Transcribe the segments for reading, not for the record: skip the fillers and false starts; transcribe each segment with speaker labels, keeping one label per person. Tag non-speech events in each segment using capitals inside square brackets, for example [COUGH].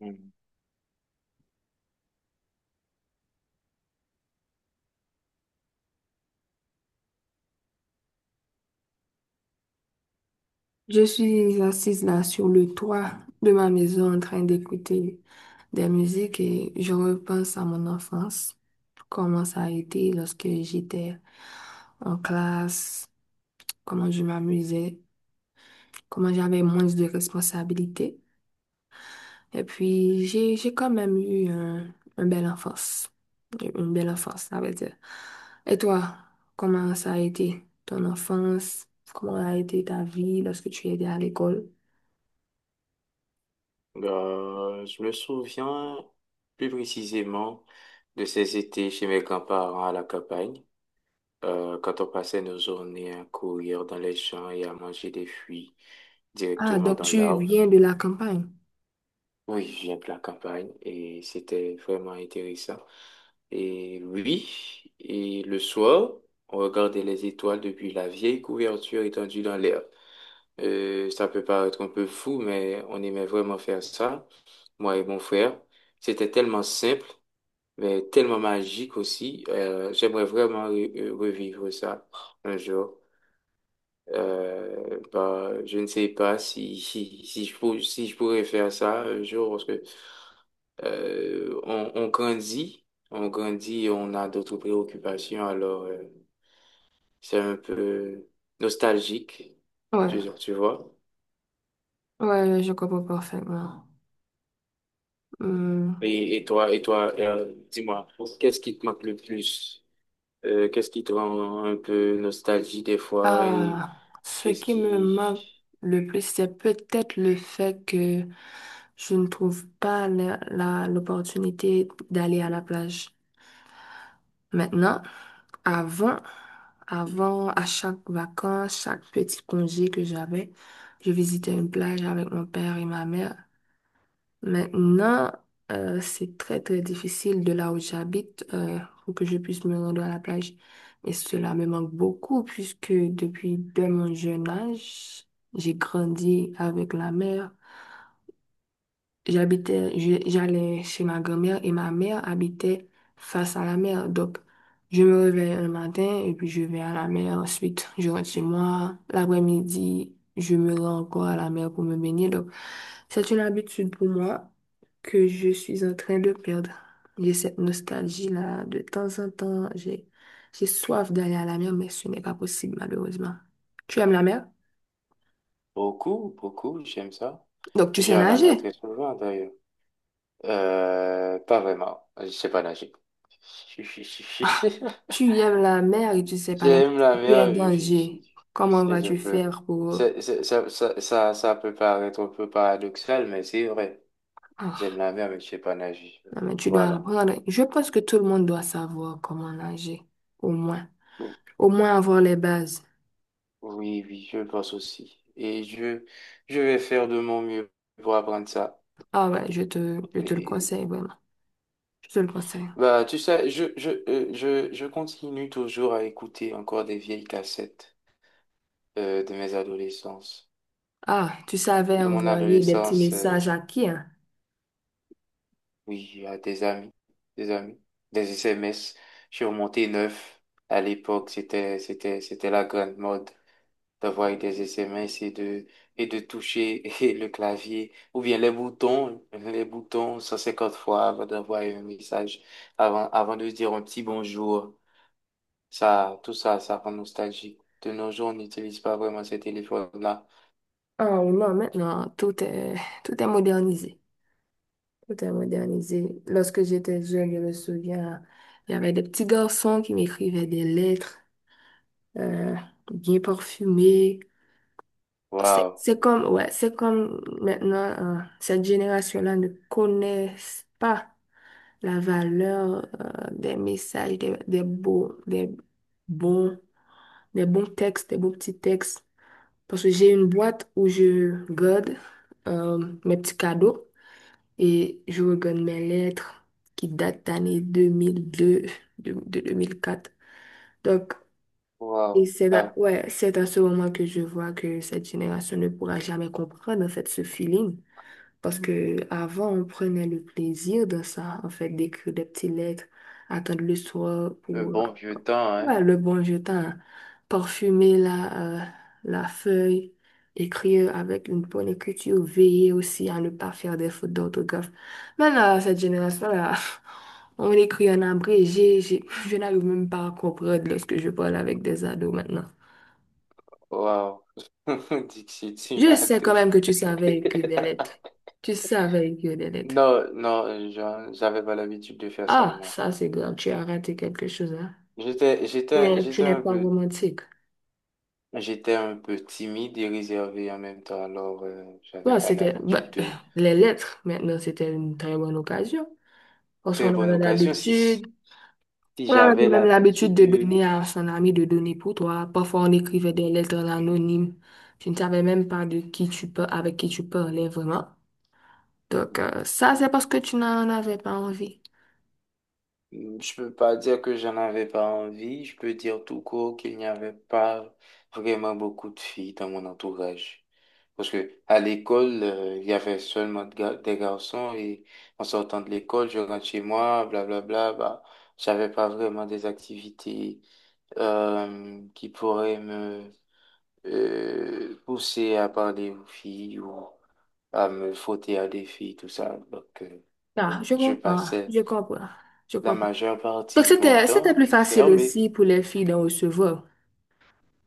Speaker 1: Mm.
Speaker 2: Je suis assise là sur le toit de ma maison en train d'écouter des musiques et je repense à mon enfance, comment ça a été lorsque j'étais en classe, comment je m'amusais, comment j'avais moins de responsabilités. Et puis j'ai quand même eu un belle enfance, une belle enfance, ça veut dire. Et toi, comment ça a été ton enfance? Comment a été ta vie lorsque tu étais à l'école?
Speaker 1: Je me souviens plus précisément de ces étés chez mes grands-parents à la campagne, quand on passait nos journées à courir dans les champs et à manger des fruits
Speaker 2: Ah,
Speaker 1: directement
Speaker 2: donc
Speaker 1: dans
Speaker 2: tu
Speaker 1: l'arbre.
Speaker 2: viens de la campagne.
Speaker 1: Oui, je viens de la campagne et c'était vraiment intéressant. Et oui, et le soir, on regardait les étoiles depuis la vieille couverture étendue dans l'air. Ça peut paraître un peu fou, mais on aimait vraiment faire ça, moi et mon frère. C'était tellement simple, mais tellement magique aussi. J'aimerais vraiment revivre ça un jour. Bah, je ne sais pas si, [LAUGHS] si, si je pourrais faire ça un jour, parce que euh, on, on grandit, on grandit et on a d'autres préoccupations, alors c'est un peu nostalgique,
Speaker 2: Ouais,
Speaker 1: tu vois.
Speaker 2: ouais, je comprends parfaitement. Hmm.
Speaker 1: Et toi, dis-moi, qu'est-ce qui te manque le plus? Qu'est-ce qui te rend un peu nostalgique des fois et
Speaker 2: Ah, ce
Speaker 1: qu'est-ce
Speaker 2: qui me manque
Speaker 1: qui...
Speaker 2: le plus, c'est peut-être le fait que je ne trouve pas l'opportunité d'aller à la plage. Maintenant, avant, avant, à chaque vacances, chaque petit congé que j'avais, je visitais une plage avec mon père et ma mère. Maintenant, c'est très très difficile de là où j'habite pour que je puisse me rendre à la plage. Et cela me manque beaucoup puisque depuis dès mon jeune âge, j'ai grandi avec la mer. J'allais chez ma grand-mère et ma mère habitait face à la mer. Donc, je me réveille le matin et puis je vais à la mer. Ensuite, je rentre chez moi. L'après-midi, je me rends encore à la mer pour me baigner. Donc, c'est une habitude pour moi que je suis en train de perdre. J'ai cette nostalgie-là. De temps en temps, j'ai soif d'aller à la mer, mais ce n'est pas possible, malheureusement. Tu aimes la mer?
Speaker 1: Beaucoup, beaucoup, j'aime ça.
Speaker 2: Donc, tu
Speaker 1: J'ai
Speaker 2: sais
Speaker 1: à la mer
Speaker 2: nager?
Speaker 1: très souvent d'ailleurs. Pas vraiment, je sais pas nager.
Speaker 2: Ah,
Speaker 1: [LAUGHS]
Speaker 2: tu aimes la mer et tu sais pas nager.
Speaker 1: J'aime la
Speaker 2: Tu es
Speaker 1: meilleure vie.
Speaker 2: danger. Comment
Speaker 1: C'est un
Speaker 2: vas-tu
Speaker 1: peu...
Speaker 2: faire pour...
Speaker 1: ça peut paraître un peu paradoxal, mais c'est vrai. J'aime
Speaker 2: Ah,
Speaker 1: la mer, mais je sais pas nager.
Speaker 2: non, mais tu dois
Speaker 1: Voilà.
Speaker 2: apprendre. Je pense que tout le monde doit savoir comment nager. Au moins.
Speaker 1: Bon.
Speaker 2: Au moins avoir les bases.
Speaker 1: Oui, oui, je le pense aussi. Je vais faire de mon mieux pour apprendre ça.
Speaker 2: Ah ouais, je te le
Speaker 1: Et,
Speaker 2: conseille, vraiment. Je te le conseille.
Speaker 1: bah, tu sais, je continue toujours à écouter encore des vieilles cassettes de mes adolescences.
Speaker 2: Ah, tu savais
Speaker 1: De mon
Speaker 2: envoyer des petits
Speaker 1: adolescence.
Speaker 2: messages à qui, hein?
Speaker 1: Oui, à des amis, des amis, des SMS. Je suis remonté neuf. À l'époque, c'était la grande mode d'avoir des SMS et de toucher [LAUGHS] et le clavier ou bien les boutons 150 fois avant d'avoir un message, avant de se dire un petit bonjour. Ça, tout ça, ça rend nostalgique. De nos jours, on n'utilise pas vraiment ces téléphones-là.
Speaker 2: Oh non, maintenant, tout est modernisé. Tout est modernisé. Lorsque j'étais jeune, je me souviens, il y avait des petits garçons qui m'écrivaient des lettres. euh, Bien parfumé. C'est
Speaker 1: Waouh,
Speaker 2: c'est comme, ouais, c'est comme maintenant, cette génération-là ne connaissent pas la valeur des messages, des beaux, bons, des bons textes, des beaux petits textes. Parce que j'ai une boîte où je garde euh, mes petits cadeaux et je regarde mes lettres qui datent d'année 2002 de deux mille quatre. Donc,
Speaker 1: waouh.
Speaker 2: et c'est
Speaker 1: Là,
Speaker 2: à, ouais, c'est à ce moment que je vois que cette génération ne pourra jamais comprendre en fait ce feeling. Parce que avant, on prenait le plaisir de ça, en fait, d'écrire des petites lettres, attendre le soir
Speaker 1: le
Speaker 2: pour,
Speaker 1: bon vieux temps, hein.
Speaker 2: ouais, le bon jetin, parfumer la feuille, écrire avec une bonne écriture, veiller aussi à ne pas faire des fautes d'orthographe. Maintenant, cette génération-là, [LAUGHS] on écrit en abrégé, je n'arrive même pas à comprendre lorsque je parle avec des ados maintenant.
Speaker 1: Waouh. [LAUGHS] Dixit
Speaker 2: Je sais
Speaker 1: Sinatra.
Speaker 2: quand même que tu savais écrire des lettres. Tu savais écrire des lettres.
Speaker 1: Non, non, j'avais pas l'habitude de faire ça,
Speaker 2: Ah,
Speaker 1: moi.
Speaker 2: ça c'est grave, tu as raté quelque chose, hein.
Speaker 1: J'étais,
Speaker 2: Tu
Speaker 1: j'étais,
Speaker 2: n'es tu
Speaker 1: j'étais
Speaker 2: n'es
Speaker 1: un
Speaker 2: pas
Speaker 1: peu,
Speaker 2: romantique.
Speaker 1: j'étais un peu timide et réservé en même temps. Alors, j'avais
Speaker 2: Bon,
Speaker 1: pas
Speaker 2: c'était
Speaker 1: l'habitude de
Speaker 2: les lettres, maintenant, c'était une très bonne occasion. Parce
Speaker 1: très
Speaker 2: qu'on
Speaker 1: bonne
Speaker 2: avait
Speaker 1: occasion. Si,
Speaker 2: l'habitude,
Speaker 1: si
Speaker 2: on avait quand
Speaker 1: j'avais
Speaker 2: même l'habitude
Speaker 1: l'habitude
Speaker 2: de
Speaker 1: de,
Speaker 2: donner à son ami, de donner pour toi. Parfois, on écrivait des lettres anonymes. Tu ne savais même pas de qui tu peux, avec qui tu parlais vraiment. Donc, ça, c'est parce que tu n'en avais pas envie.
Speaker 1: je peux pas dire que j'en avais pas envie. Je peux dire tout court qu'il n'y avait pas vraiment beaucoup de filles dans mon entourage. Parce que à l'école, il y avait seulement des garçons et en sortant de l'école, je rentre chez moi, blablabla, bah, j'avais pas vraiment des activités qui pourraient me pousser à parler aux filles ou à me frotter à des filles, tout ça. Donc,
Speaker 2: Ah, je
Speaker 1: je
Speaker 2: comprends,
Speaker 1: passais
Speaker 2: je comprends, je
Speaker 1: la
Speaker 2: comprends.
Speaker 1: majeure
Speaker 2: Donc,
Speaker 1: partie de mon
Speaker 2: c'était plus
Speaker 1: temps
Speaker 2: facile
Speaker 1: fermé.
Speaker 2: aussi pour les filles d'en recevoir.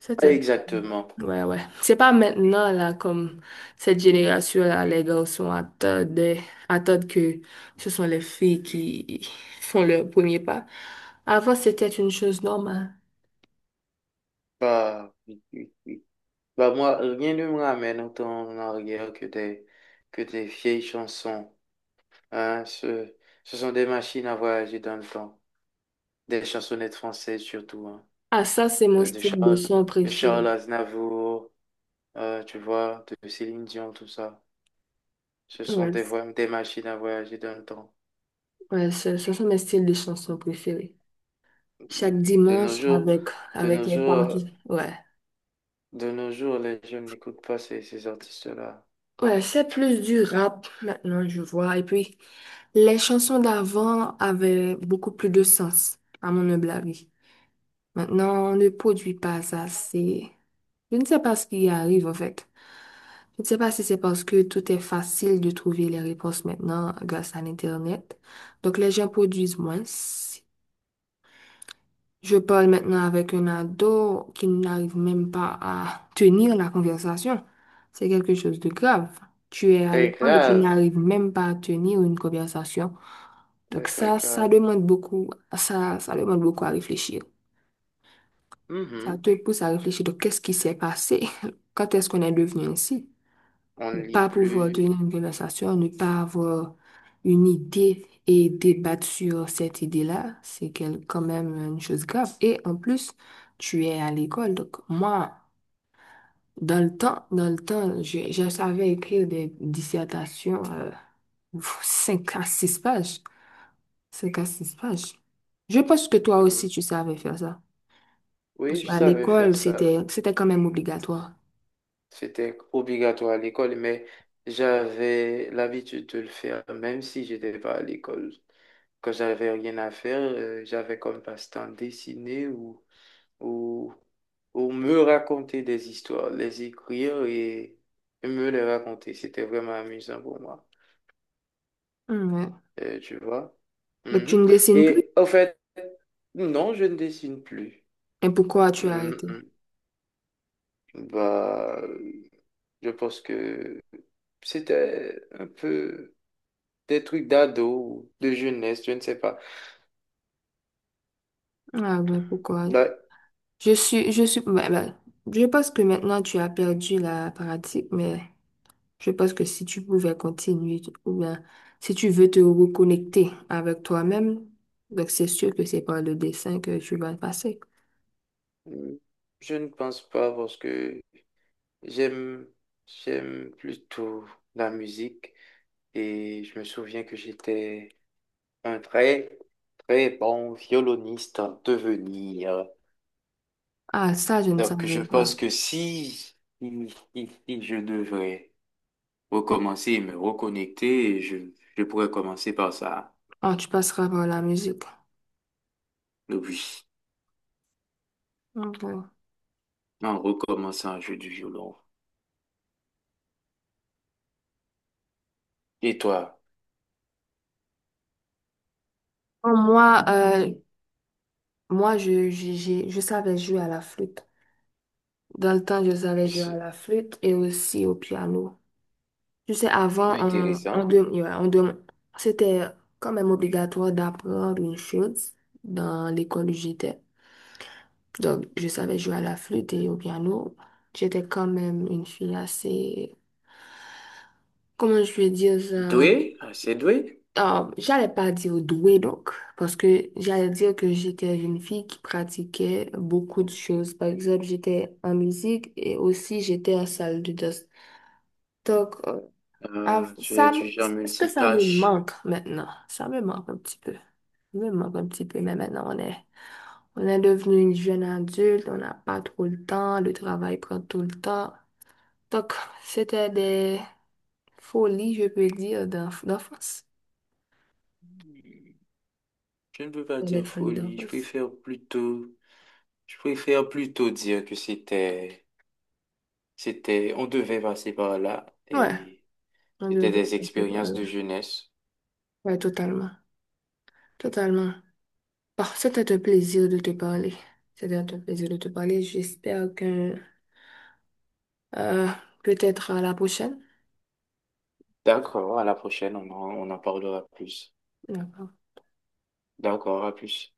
Speaker 2: C'était,
Speaker 1: Exactement.
Speaker 2: ouais, ouais. C'est pas maintenant, là, comme cette génération-là, les garçons attendent, attendent que ce sont les filles qui font leur premier pas. Avant, c'était une chose normale.
Speaker 1: Bah, oui, oui, oui. Bah moi, rien ne me ramène autant en arrière que des vieilles chansons. Hein. Ce sont des machines à voyager dans le temps. Des chansonnettes françaises surtout. Hein.
Speaker 2: Ah, ça, c'est mon
Speaker 1: Euh, De
Speaker 2: style de
Speaker 1: Charles,
Speaker 2: son
Speaker 1: de Charles
Speaker 2: préféré.
Speaker 1: Aznavour, tu vois, de Céline Dion, tout ça. Ce sont
Speaker 2: Ouais,
Speaker 1: des machines à voyager dans le temps.
Speaker 2: ce sont mes styles de chansons préférés. Chaque
Speaker 1: De nos
Speaker 2: dimanche,
Speaker 1: jours, de
Speaker 2: avec
Speaker 1: nos
Speaker 2: les
Speaker 1: jours, euh,
Speaker 2: parties. Ouais.
Speaker 1: de nos jours, les jeunes n'écoutent pas ces artistes-là.
Speaker 2: Ouais, c'est plus du rap maintenant, je vois. Et puis, les chansons d'avant avaient beaucoup plus de sens, à mon humble avis. Maintenant, on ne produit pas ça. C'est... Je ne sais pas ce qui arrive, en fait. Je ne sais pas si c'est parce que tout est facile de trouver les réponses maintenant grâce à l'Internet. Donc, les gens produisent moins. Si je parle maintenant avec un ado qui n'arrive même pas à tenir la conversation. C'est quelque chose de grave. Tu es à
Speaker 1: Très
Speaker 2: l'école et tu
Speaker 1: grave,
Speaker 2: n'arrives même pas à tenir une conversation.
Speaker 1: très
Speaker 2: Donc
Speaker 1: très
Speaker 2: ça
Speaker 1: grave.
Speaker 2: demande beaucoup, ça demande beaucoup à réfléchir. Ça
Speaker 1: Mhm.
Speaker 2: te pousse à réfléchir de qu'est-ce qui s'est passé? [LAUGHS] Quand est-ce qu'on est devenu ainsi?
Speaker 1: On
Speaker 2: Ne
Speaker 1: ne lit
Speaker 2: pas pouvoir
Speaker 1: plus.
Speaker 2: tenir une conversation, ne pas avoir une idée et débattre sur cette idée-là, c'est quand même une chose grave. Et en plus, tu es à l'école. Donc, moi, dans le temps, je savais écrire des dissertations, [LAUGHS] 5 à 6 pages. Cinq à 6 pages. Je pense que toi
Speaker 1: Mmh.
Speaker 2: aussi, tu savais faire ça.
Speaker 1: Oui,
Speaker 2: Parce que
Speaker 1: je
Speaker 2: à
Speaker 1: savais faire
Speaker 2: l'école,
Speaker 1: ça.
Speaker 2: c'était quand même obligatoire.
Speaker 1: C'était obligatoire à l'école, mais j'avais l'habitude de le faire, même si j'étais pas à l'école. Quand j'avais rien à faire, j'avais comme passe-temps dessiner ou, ou me raconter des histoires, les écrire et me les raconter. C'était vraiment amusant pour moi.
Speaker 2: Mm, ouais.
Speaker 1: Tu vois.
Speaker 2: Donc, tu
Speaker 1: Mhm.
Speaker 2: ne dessines plus.
Speaker 1: Et en fait, non, je ne dessine plus.
Speaker 2: Et pourquoi tu as arrêté?
Speaker 1: Mhm. Bah, je pense que... c'était un peu des trucs d'ado, de jeunesse, je ne sais pas.
Speaker 2: Ah ben pourquoi?
Speaker 1: Là,
Speaker 2: Ouais, ben, je pense que maintenant tu as perdu la pratique, mais je pense que si tu pouvais continuer, ou bien si tu veux te reconnecter avec toi-même, donc c'est sûr que c'est par le dessin que tu vas passer.
Speaker 1: mm, je ne pense pas parce que j'aime, j'aime plutôt la musique et je me souviens que j'étais un très, très bon violoniste à devenir.
Speaker 2: Ah, ça, je ne
Speaker 1: Donc, je
Speaker 2: savais
Speaker 1: pense
Speaker 2: pas.
Speaker 1: que si, si je devrais recommencer et me reconnecter, je pourrais commencer par ça.
Speaker 2: Ah, tu passeras par la musique.
Speaker 1: Donc, oui,
Speaker 2: Ok.
Speaker 1: en recommençant à jouer du violon. Et toi,
Speaker 2: Bon, moi, je savais jouer à la flûte. Dans le temps, je savais jouer à
Speaker 1: c'est
Speaker 2: la flûte et aussi au piano. Je sais, avant, on,
Speaker 1: intéressant.
Speaker 2: dem- ouais, on dem- c'était quand même obligatoire d'apprendre une chose dans l'école où j'étais. Donc, je savais jouer à la flûte et au piano. J'étais quand même une fille assez, comment je vais dire ça?
Speaker 1: Doué, assez doué.
Speaker 2: Ah, j'allais pas dire douée, donc, parce que j'allais dire que j'étais une fille qui pratiquait beaucoup de choses. Par exemple, j'étais en musique et aussi j'étais en salle de danse. Donc, ah,
Speaker 1: Tu
Speaker 2: ça,
Speaker 1: es du genre
Speaker 2: est-ce que ça me
Speaker 1: multitâche.
Speaker 2: manque maintenant? Ça me manque un petit peu. Ça me manque un petit peu, mais maintenant on est devenu une jeune adulte, on n'a pas trop le temps, le travail prend tout le temps. Donc, c'était des folies, je peux dire, d'enfance.
Speaker 1: Je ne peux pas
Speaker 2: C'était des
Speaker 1: dire
Speaker 2: folies
Speaker 1: folie.
Speaker 2: d'enfance.
Speaker 1: Je préfère plutôt dire que c'était, on devait passer par là
Speaker 2: Ouais,
Speaker 1: et
Speaker 2: on
Speaker 1: c'était
Speaker 2: devait
Speaker 1: des
Speaker 2: un peu
Speaker 1: expériences
Speaker 2: parler.
Speaker 1: de jeunesse.
Speaker 2: Ouais, totalement. Totalement. Bon, c'était un plaisir de te parler. C'était un plaisir de te parler. J'espère que euh, peut-être à la prochaine.
Speaker 1: D'accord, à la prochaine, on en parlera plus.
Speaker 2: D'accord.
Speaker 1: D'accord, à plus.